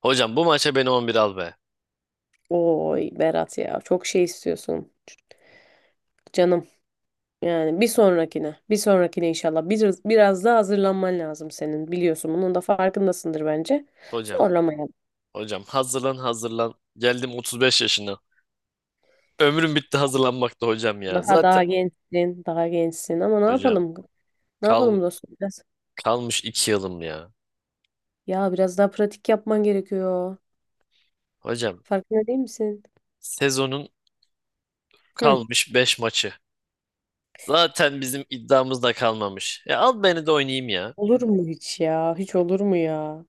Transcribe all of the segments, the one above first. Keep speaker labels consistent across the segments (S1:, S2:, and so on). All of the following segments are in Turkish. S1: Hocam, bu maça beni 11 al be.
S2: Oy Berat ya çok şey istiyorsun canım. Yani bir sonrakine inşallah biraz daha hazırlanman lazım senin biliyorsun. Bunun da farkındasındır bence.
S1: Hocam,
S2: Zorlamayalım.
S1: hocam, hazırlan hazırlan. Geldim 35 yaşına. Ömrüm bitti hazırlanmakta hocam ya.
S2: Daha
S1: Zaten
S2: daha gençsin, daha gençsin ama ne
S1: hocam
S2: yapalım? Ne
S1: kal,
S2: yapalım dostum?
S1: kalmış 2 yılım ya.
S2: Biraz daha pratik yapman gerekiyor.
S1: Hocam,
S2: Farkında değil misin?
S1: sezonun
S2: Hı.
S1: kalmış beş maçı. Zaten bizim iddiamız da kalmamış. Ya al beni de oynayayım ya.
S2: Olur mu hiç ya? Hiç olur mu ya?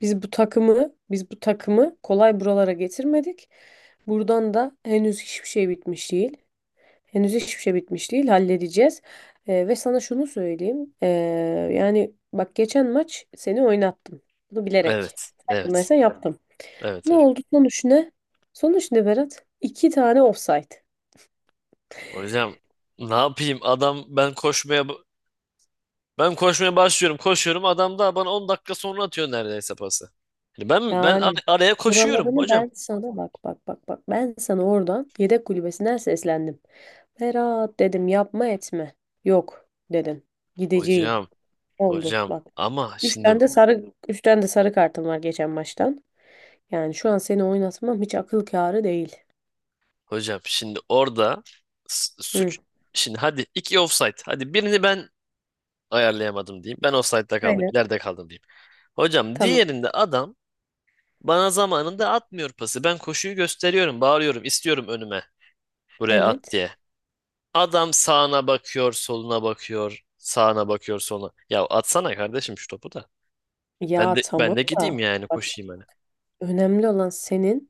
S2: Biz bu takımı kolay buralara getirmedik. Buradan da henüz hiçbir şey bitmiş değil. Henüz hiçbir şey bitmiş değil, halledeceğiz. Ve sana şunu söyleyeyim. Yani bak geçen maç seni oynattım. Bunu bilerek.
S1: Evet, evet,
S2: Farkındaysan yaptım.
S1: evet,
S2: Ne
S1: hocam.
S2: oldu sonuç ne? Sonuç ne Berat? İki tane offside.
S1: Hocam, ne yapayım? Adam, ben koşmaya başlıyorum, koşuyorum, adam da bana 10 dakika sonra atıyor neredeyse pası. Yani ben
S2: Yani
S1: araya koşuyorum
S2: buralarını
S1: hocam.
S2: ben sana bak bak bak bak. Ben sana oradan yedek kulübesinden seslendim. Berat dedim yapma etme. Yok dedin. Gideceğim.
S1: Hocam
S2: Oldu
S1: hocam
S2: bak.
S1: ama şimdi
S2: Üçten de sarı kartım var geçen maçtan. Yani şu an seni oynatmam hiç akıl kârı değil.
S1: hocam şimdi orada
S2: Hı.
S1: suç, şimdi, hadi iki offside, hadi birini ben ayarlayamadım diyeyim. Ben offside'da kaldım,
S2: Aynen.
S1: ileride kaldım diyeyim. Hocam,
S2: Tamam.
S1: diğerinde adam bana zamanında atmıyor pası. Ben koşuyu gösteriyorum, bağırıyorum, istiyorum önüme, buraya at
S2: Evet.
S1: diye. Adam sağına bakıyor, soluna bakıyor, sağına bakıyor, soluna. Ya atsana kardeşim şu topu da. Ben
S2: Ya
S1: de ben
S2: tamam
S1: de
S2: da
S1: gideyim yani,
S2: bak şimdi
S1: koşayım hani.
S2: önemli olan senin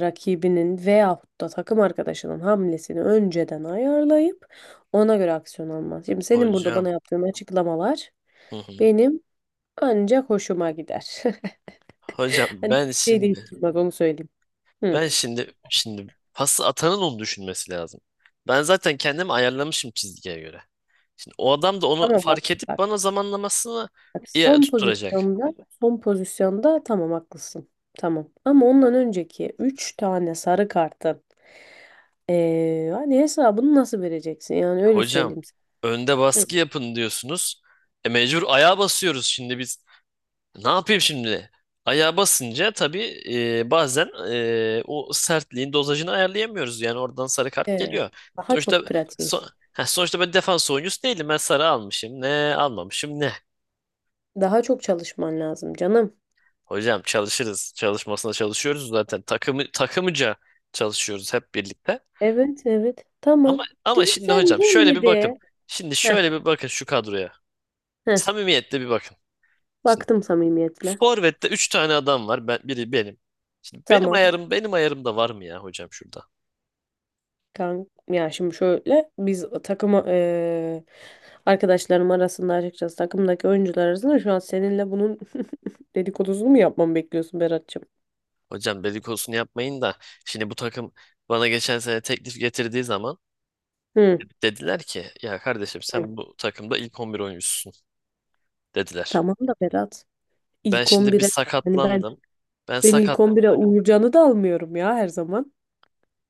S2: rakibinin veyahut da takım arkadaşının hamlesini önceden ayarlayıp ona göre aksiyon alman. Şimdi senin burada bana
S1: Hocam.
S2: yaptığın açıklamalar
S1: Hı hı.
S2: benim ancak hoşuma gider.
S1: Hocam
S2: Hani
S1: ben
S2: şey
S1: şimdi
S2: değiştirmez onu söyleyeyim. Hı,
S1: ben şimdi şimdi pası atanın onu düşünmesi lazım. Ben zaten kendimi ayarlamışım çizgiye göre. Şimdi o adam da onu
S2: tamam bak.
S1: fark edip bana zamanlamasını
S2: Bak
S1: iyi
S2: son
S1: tutturacak.
S2: pozisyonda, son pozisyonda tamam haklısın. Tamam. Ama ondan önceki 3 tane sarı kartın hani hesabını nasıl vereceksin? Yani öyle
S1: Hocam,
S2: söyleyeyim
S1: önde
S2: sana.
S1: baskı
S2: Hı.
S1: yapın diyorsunuz. E, mecbur ayağa basıyoruz şimdi biz. Ne yapayım şimdi? Ayağa basınca tabii bazen o sertliğin dozajını ayarlayamıyoruz. Yani oradan sarı kart
S2: Evet.
S1: geliyor.
S2: Daha
S1: Sonuçta
S2: çok pratik.
S1: ha, sonuçta ben defans oyuncusu değilim. Ben sarı almışım. Ne almamışım ne?
S2: Daha çok çalışman lazım canım.
S1: Hocam, çalışırız. Çalışmasına çalışıyoruz zaten. Takımı takımıca çalışıyoruz hep birlikte.
S2: Evet, evet.
S1: Ama
S2: Tamam.
S1: ama
S2: Değil mi?
S1: şimdi
S2: Sen
S1: hocam,
S2: değil
S1: şöyle bir bakın.
S2: yedi.
S1: Şimdi
S2: Heh,
S1: şöyle bir bakın şu kadroya.
S2: heh.
S1: Samimiyetle bir bakın. Şimdi
S2: Baktım samimiyetle.
S1: forvette 3 tane adam var. Ben, biri benim. Şimdi
S2: Tamam.
S1: benim ayarımda var mı ya hocam şurada?
S2: Kan ya şimdi şöyle biz takım arkadaşlarım arasında açıkçası takımdaki oyuncular arasında şu an seninle bunun dedikodusunu mu yapmamı bekliyorsun Berat'cığım?
S1: Hocam, dedikodusunu yapmayın da şimdi bu takım bana geçen sene teklif getirdiği zaman
S2: Hı.
S1: dediler ki, ya kardeşim,
S2: Hı.
S1: sen bu takımda ilk 11 oyuncusun dediler.
S2: Tamam da Berat.
S1: Ben
S2: İlk
S1: şimdi bir
S2: 11'e yani ben
S1: sakatlandım. Ben
S2: ben
S1: sakat.
S2: ilk 11'e Uğurcan'ı da almıyorum ya her zaman.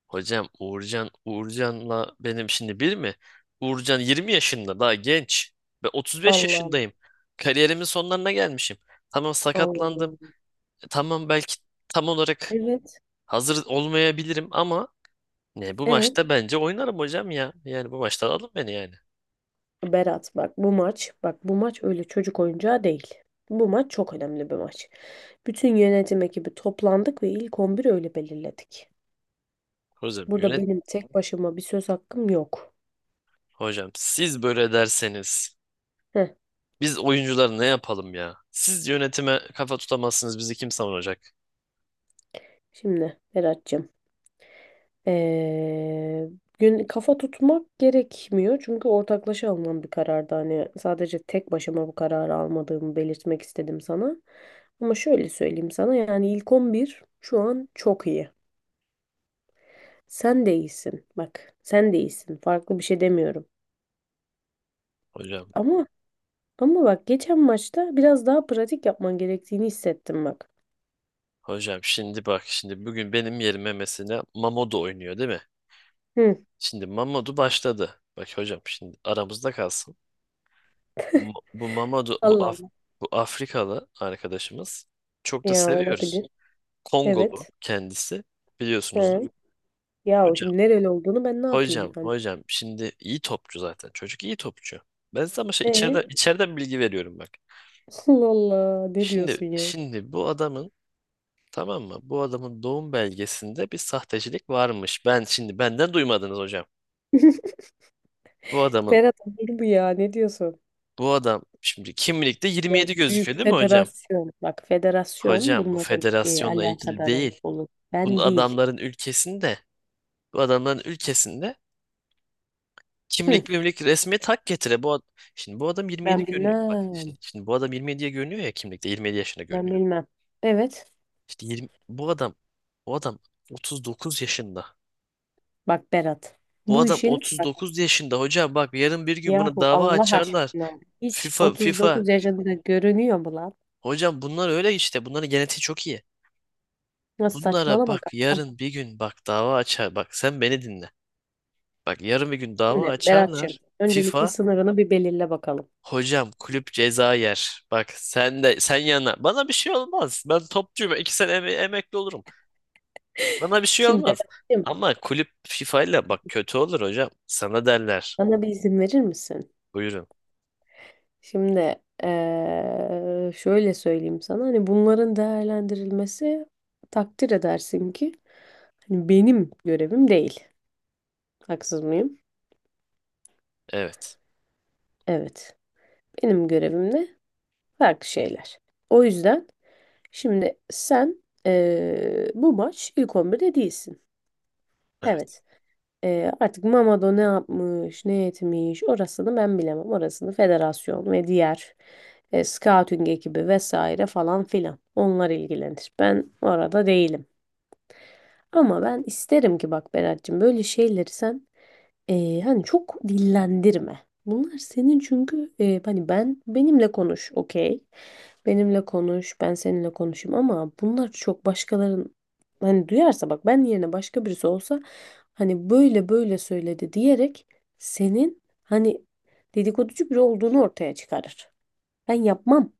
S1: Hocam, Uğurcan'la benim şimdi bir mi? Uğurcan 20 yaşında, daha genç. Ben 35
S2: Allah'ım.
S1: yaşındayım. Kariyerimin sonlarına gelmişim. Tamam, sakatlandım.
S2: Allah'ım.
S1: E, tamam, belki tam olarak
S2: Evet.
S1: hazır olmayabilirim, ama ne, bu
S2: Evet.
S1: maçta bence oynarım hocam ya. Yani bu maçta alın beni yani.
S2: Berat bak bu maç öyle çocuk oyuncağı değil. Bu maç çok önemli bir maç. Bütün yönetim ekibi toplandık ve ilk 11'i öyle belirledik.
S1: Hocam
S2: Burada
S1: yönet
S2: benim tek başıma bir söz hakkım yok.
S1: Hocam, siz böyle derseniz
S2: Heh,
S1: biz oyuncular ne yapalım ya? Siz yönetime kafa tutamazsınız, bizi kim savunacak
S2: şimdi Berat'cığım. Ee, Gün kafa tutmak gerekmiyor çünkü ortaklaşa alınan bir karardı. Hani sadece tek başıma bu kararı almadığımı belirtmek istedim sana. Ama şöyle söyleyeyim sana yani ilk 11 şu an çok iyi. Sen de iyisin. Bak sen de iyisin. Farklı bir şey demiyorum.
S1: hocam?
S2: Ama ama bak geçen maçta biraz daha pratik yapman gerektiğini hissettim bak.
S1: Hocam, şimdi bak, şimdi bugün benim yerime mesela Mamodu oynuyor değil mi?
S2: Hı.
S1: Şimdi Mamodu başladı. Bak hocam, şimdi aramızda kalsın. Bu, bu Mamodu bu,
S2: Allah
S1: Af-
S2: Allah.
S1: Bu Afrikalı arkadaşımız, çok da
S2: Ya
S1: seviyoruz.
S2: olabilir.
S1: Kongolu
S2: Evet.
S1: kendisi, biliyorsunuzdur.
S2: He. Ya
S1: Hocam
S2: şimdi nereli olduğunu ben ne yapayım
S1: hocam
S2: yani?
S1: hocam şimdi iyi topçu zaten, çocuk iyi topçu. Ben size ama şey
S2: E?
S1: içeriden, içeriden bilgi veriyorum bak.
S2: Allah Allah ne
S1: Şimdi
S2: diyorsun ya?
S1: şimdi bu adamın, tamam mı? Bu adamın doğum belgesinde bir sahtecilik varmış. Ben şimdi, benden duymadınız hocam. Bu adamın
S2: Ferhat olur bu ya ne diyorsun?
S1: Bu adam şimdi kimlikte
S2: Ya
S1: 27
S2: büyük
S1: gözüküyor değil mi hocam?
S2: federasyon bak federasyon
S1: Hocam, bu
S2: bunların
S1: federasyonla ilgili
S2: alakadarı
S1: değil.
S2: olur.
S1: Bu
S2: Ben değil.
S1: adamların ülkesinde Bu adamların ülkesinde
S2: Hı,
S1: kimlik mimlik, resmiyet hak getire. Şimdi bu adam 27
S2: ben
S1: görünüyor. Bak
S2: bilmem.
S1: şimdi, şimdi bu adam 27'ye görünüyor ya, kimlikte 27 yaşında
S2: Ben
S1: görünüyor.
S2: bilmem. Evet
S1: Bu adam bu adam 39 yaşında.
S2: bak Berat
S1: Bu
S2: bu
S1: adam
S2: işin bak
S1: 39 yaşında hocam, bak yarın bir gün buna
S2: yahu
S1: dava
S2: Allah
S1: açarlar.
S2: aşkına hiç
S1: FIFA
S2: 39 yaşında görünüyor mu lan?
S1: hocam, bunlar öyle işte, bunların genetiği çok iyi.
S2: Nasıl
S1: Bunlara
S2: saçmalama
S1: bak,
S2: kankam.
S1: yarın bir gün bak, dava açar. Bak sen beni dinle. Bak yarın bir gün dava
S2: Şimdi Berat'cığım
S1: açarlar.
S2: öncelikle
S1: FIFA
S2: sınırını bir belirle bakalım.
S1: hocam, kulüp ceza yer. Bak sen de sen yana. Bana bir şey olmaz. Ben topçuyum. 2 sene emekli olurum. Bana bir şey
S2: Şimdi
S1: olmaz.
S2: Berat'cığım
S1: Ama kulüp FIFA ile bak, kötü olur hocam. Sana derler.
S2: bana bir izin verir misin?
S1: Buyurun.
S2: Şimdi şöyle söyleyeyim sana hani bunların değerlendirilmesi takdir edersin ki hani benim görevim değil. Haksız mıyım?
S1: Evet.
S2: Evet. Benim görevim ne? Farklı şeyler. O yüzden şimdi sen bu maç ilk 11'de değilsin.
S1: Evet.
S2: Evet. Artık Mamado ne yapmış, ne etmiş orasını ben bilemem. Orasını federasyon ve diğer scouting ekibi vesaire falan filan. Onlar ilgilenir. Ben orada değilim. Ama ben isterim ki bak Berat'cığım böyle şeyleri sen hani çok dillendirme. Bunlar senin çünkü hani benimle konuş okey. Benimle konuş ben seninle konuşayım ama bunlar çok başkaların hani duyarsa bak ben yerine başka birisi olsa hani böyle böyle söyledi diyerek senin hani dedikoducu biri olduğunu ortaya çıkarır. Ben yapmam.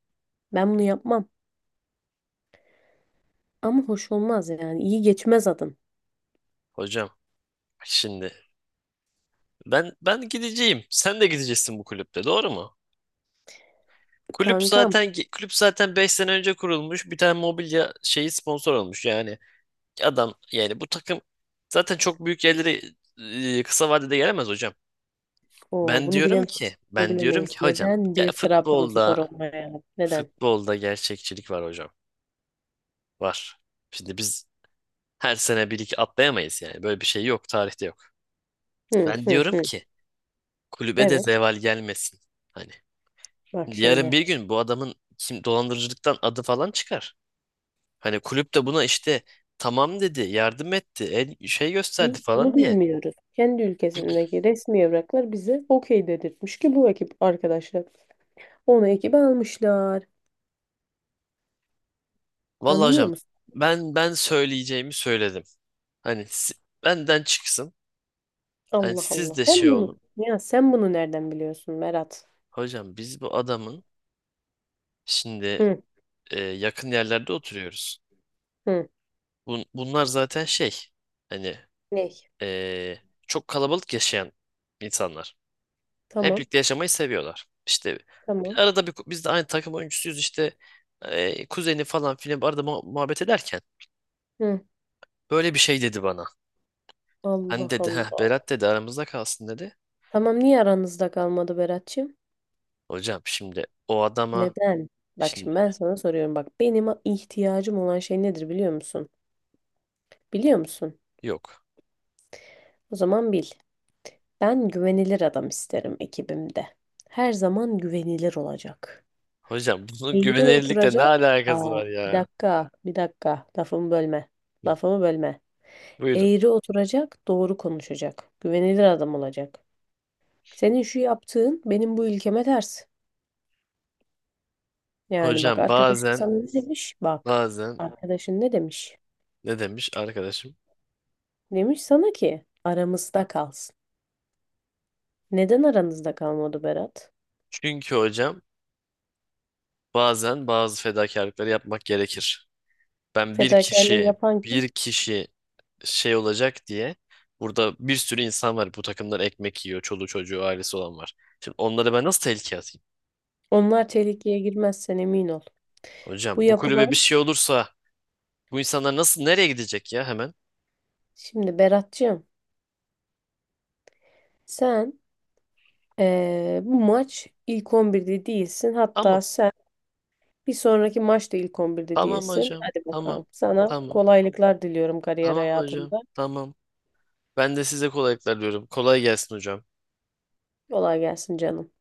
S2: Ben bunu yapmam. Ama hoş olmaz yani. İyi geçmez adın.
S1: Hocam şimdi ben gideceğim. Sen de gideceksin bu kulüpte. Doğru mu? Kulüp
S2: Kankam.
S1: zaten kulüp zaten 5 sene önce kurulmuş. Bir tane mobilya şeyi sponsor olmuş. Yani adam, yani bu takım zaten çok büyük yerlere kısa vadede gelemez hocam.
S2: Oo,
S1: Ben
S2: bunu
S1: diyorum ki
S2: bilemeyiz. Bunu
S1: ben diyorum
S2: bilemeyiz.
S1: ki hocam
S2: Neden
S1: ya,
S2: bir Trabzonspor
S1: futbolda,
S2: olmayalım? Neden?
S1: gerçekçilik var hocam. Var. Şimdi biz her sene bir iki atlayamayız yani. Böyle bir şey yok. Tarihte yok.
S2: Hı
S1: Ben
S2: hı
S1: diyorum
S2: hı.
S1: ki, kulübe de
S2: Evet.
S1: zeval gelmesin. Hani
S2: Bak
S1: yarın bir
S2: şimdi.
S1: gün bu adamın kim dolandırıcılıktan adı falan çıkar. Hani kulüp de buna işte tamam dedi, yardım etti, el, şey gösterdi
S2: Biz bunu
S1: falan diye.
S2: bilmiyoruz. Kendi ülkesindeki resmi evraklar bize okey dedirtmiş ki bu ekip arkadaşlar. Onu ekibe almışlar.
S1: Vallahi
S2: Anlıyor
S1: hocam,
S2: musun?
S1: ben söyleyeceğimi söyledim. Hani si- Benden çıksın. Hani
S2: Allah
S1: siz
S2: Allah.
S1: de
S2: Sen
S1: şey
S2: bunu
S1: olun.
S2: ya sen bunu nereden biliyorsun Berat?
S1: Hocam, biz bu adamın şimdi
S2: Hı
S1: yakın yerlerde oturuyoruz.
S2: hı.
S1: Bunlar zaten şey, hani
S2: Ne?
S1: e, çok kalabalık yaşayan insanlar. Hep
S2: Tamam.
S1: birlikte yaşamayı seviyorlar. İşte
S2: Tamam.
S1: arada bir, biz de aynı takım oyuncusuyuz işte, kuzeni falan filan, arada muhabbet ederken
S2: Hı.
S1: böyle bir şey dedi bana. Hani
S2: Allah
S1: dedi, heh,
S2: Allah.
S1: Berat dedi, aramızda kalsın dedi.
S2: Tamam niye aranızda kalmadı Berat'cığım?
S1: Hocam şimdi o adama,
S2: Neden? Bak
S1: şimdi,
S2: şimdi ben sana soruyorum. Bak benim ihtiyacım olan şey nedir biliyor musun? Biliyor musun?
S1: yok.
S2: O zaman bil. Ben güvenilir adam isterim ekibimde. Her zaman güvenilir olacak.
S1: Hocam bunun
S2: Eğri
S1: güvenilirlikle ne
S2: oturacak.
S1: alakası
S2: Aa,
S1: var
S2: bir
S1: ya?
S2: dakika, bir dakika. Lafımı bölme.
S1: Hı,
S2: Lafımı bölme.
S1: buyurun.
S2: Eğri oturacak, doğru konuşacak. Güvenilir adam olacak. Senin şu yaptığın benim bu ülkeme ters. Yani bak
S1: Hocam
S2: arkadaşın
S1: bazen,
S2: sana ne demiş? Bak.
S1: bazen
S2: Arkadaşın ne demiş?
S1: ne demiş arkadaşım?
S2: Demiş sana ki aramızda kalsın. Neden aranızda kalmadı Berat?
S1: Çünkü hocam bazen bazı fedakarlıkları yapmak gerekir. Ben bir
S2: Fedakarlığı
S1: kişi
S2: yapan kim?
S1: Bir kişi şey olacak diye, burada bir sürü insan var, bu takımdan ekmek yiyor. Çoluğu çocuğu ailesi olan var. Şimdi onları ben nasıl tehlikeye atayım?
S2: Onlar tehlikeye girmezsen emin ol. Bu
S1: Hocam, bu kulübe bir
S2: yapılan
S1: şey olursa bu insanlar nasıl, nereye gidecek ya hemen?
S2: şimdi Berat'cığım sen bu maç ilk 11'de değilsin. Hatta
S1: Tamam.
S2: sen bir sonraki maçta ilk 11'de
S1: Tamam
S2: değilsin.
S1: hocam.
S2: Hadi
S1: Tamam.
S2: bakalım. Sana
S1: Tamam.
S2: kolaylıklar diliyorum kariyer
S1: Tamam hocam.
S2: hayatında.
S1: Tamam. Ben de size kolaylıklar diyorum. Kolay gelsin hocam.
S2: Kolay gelsin canım.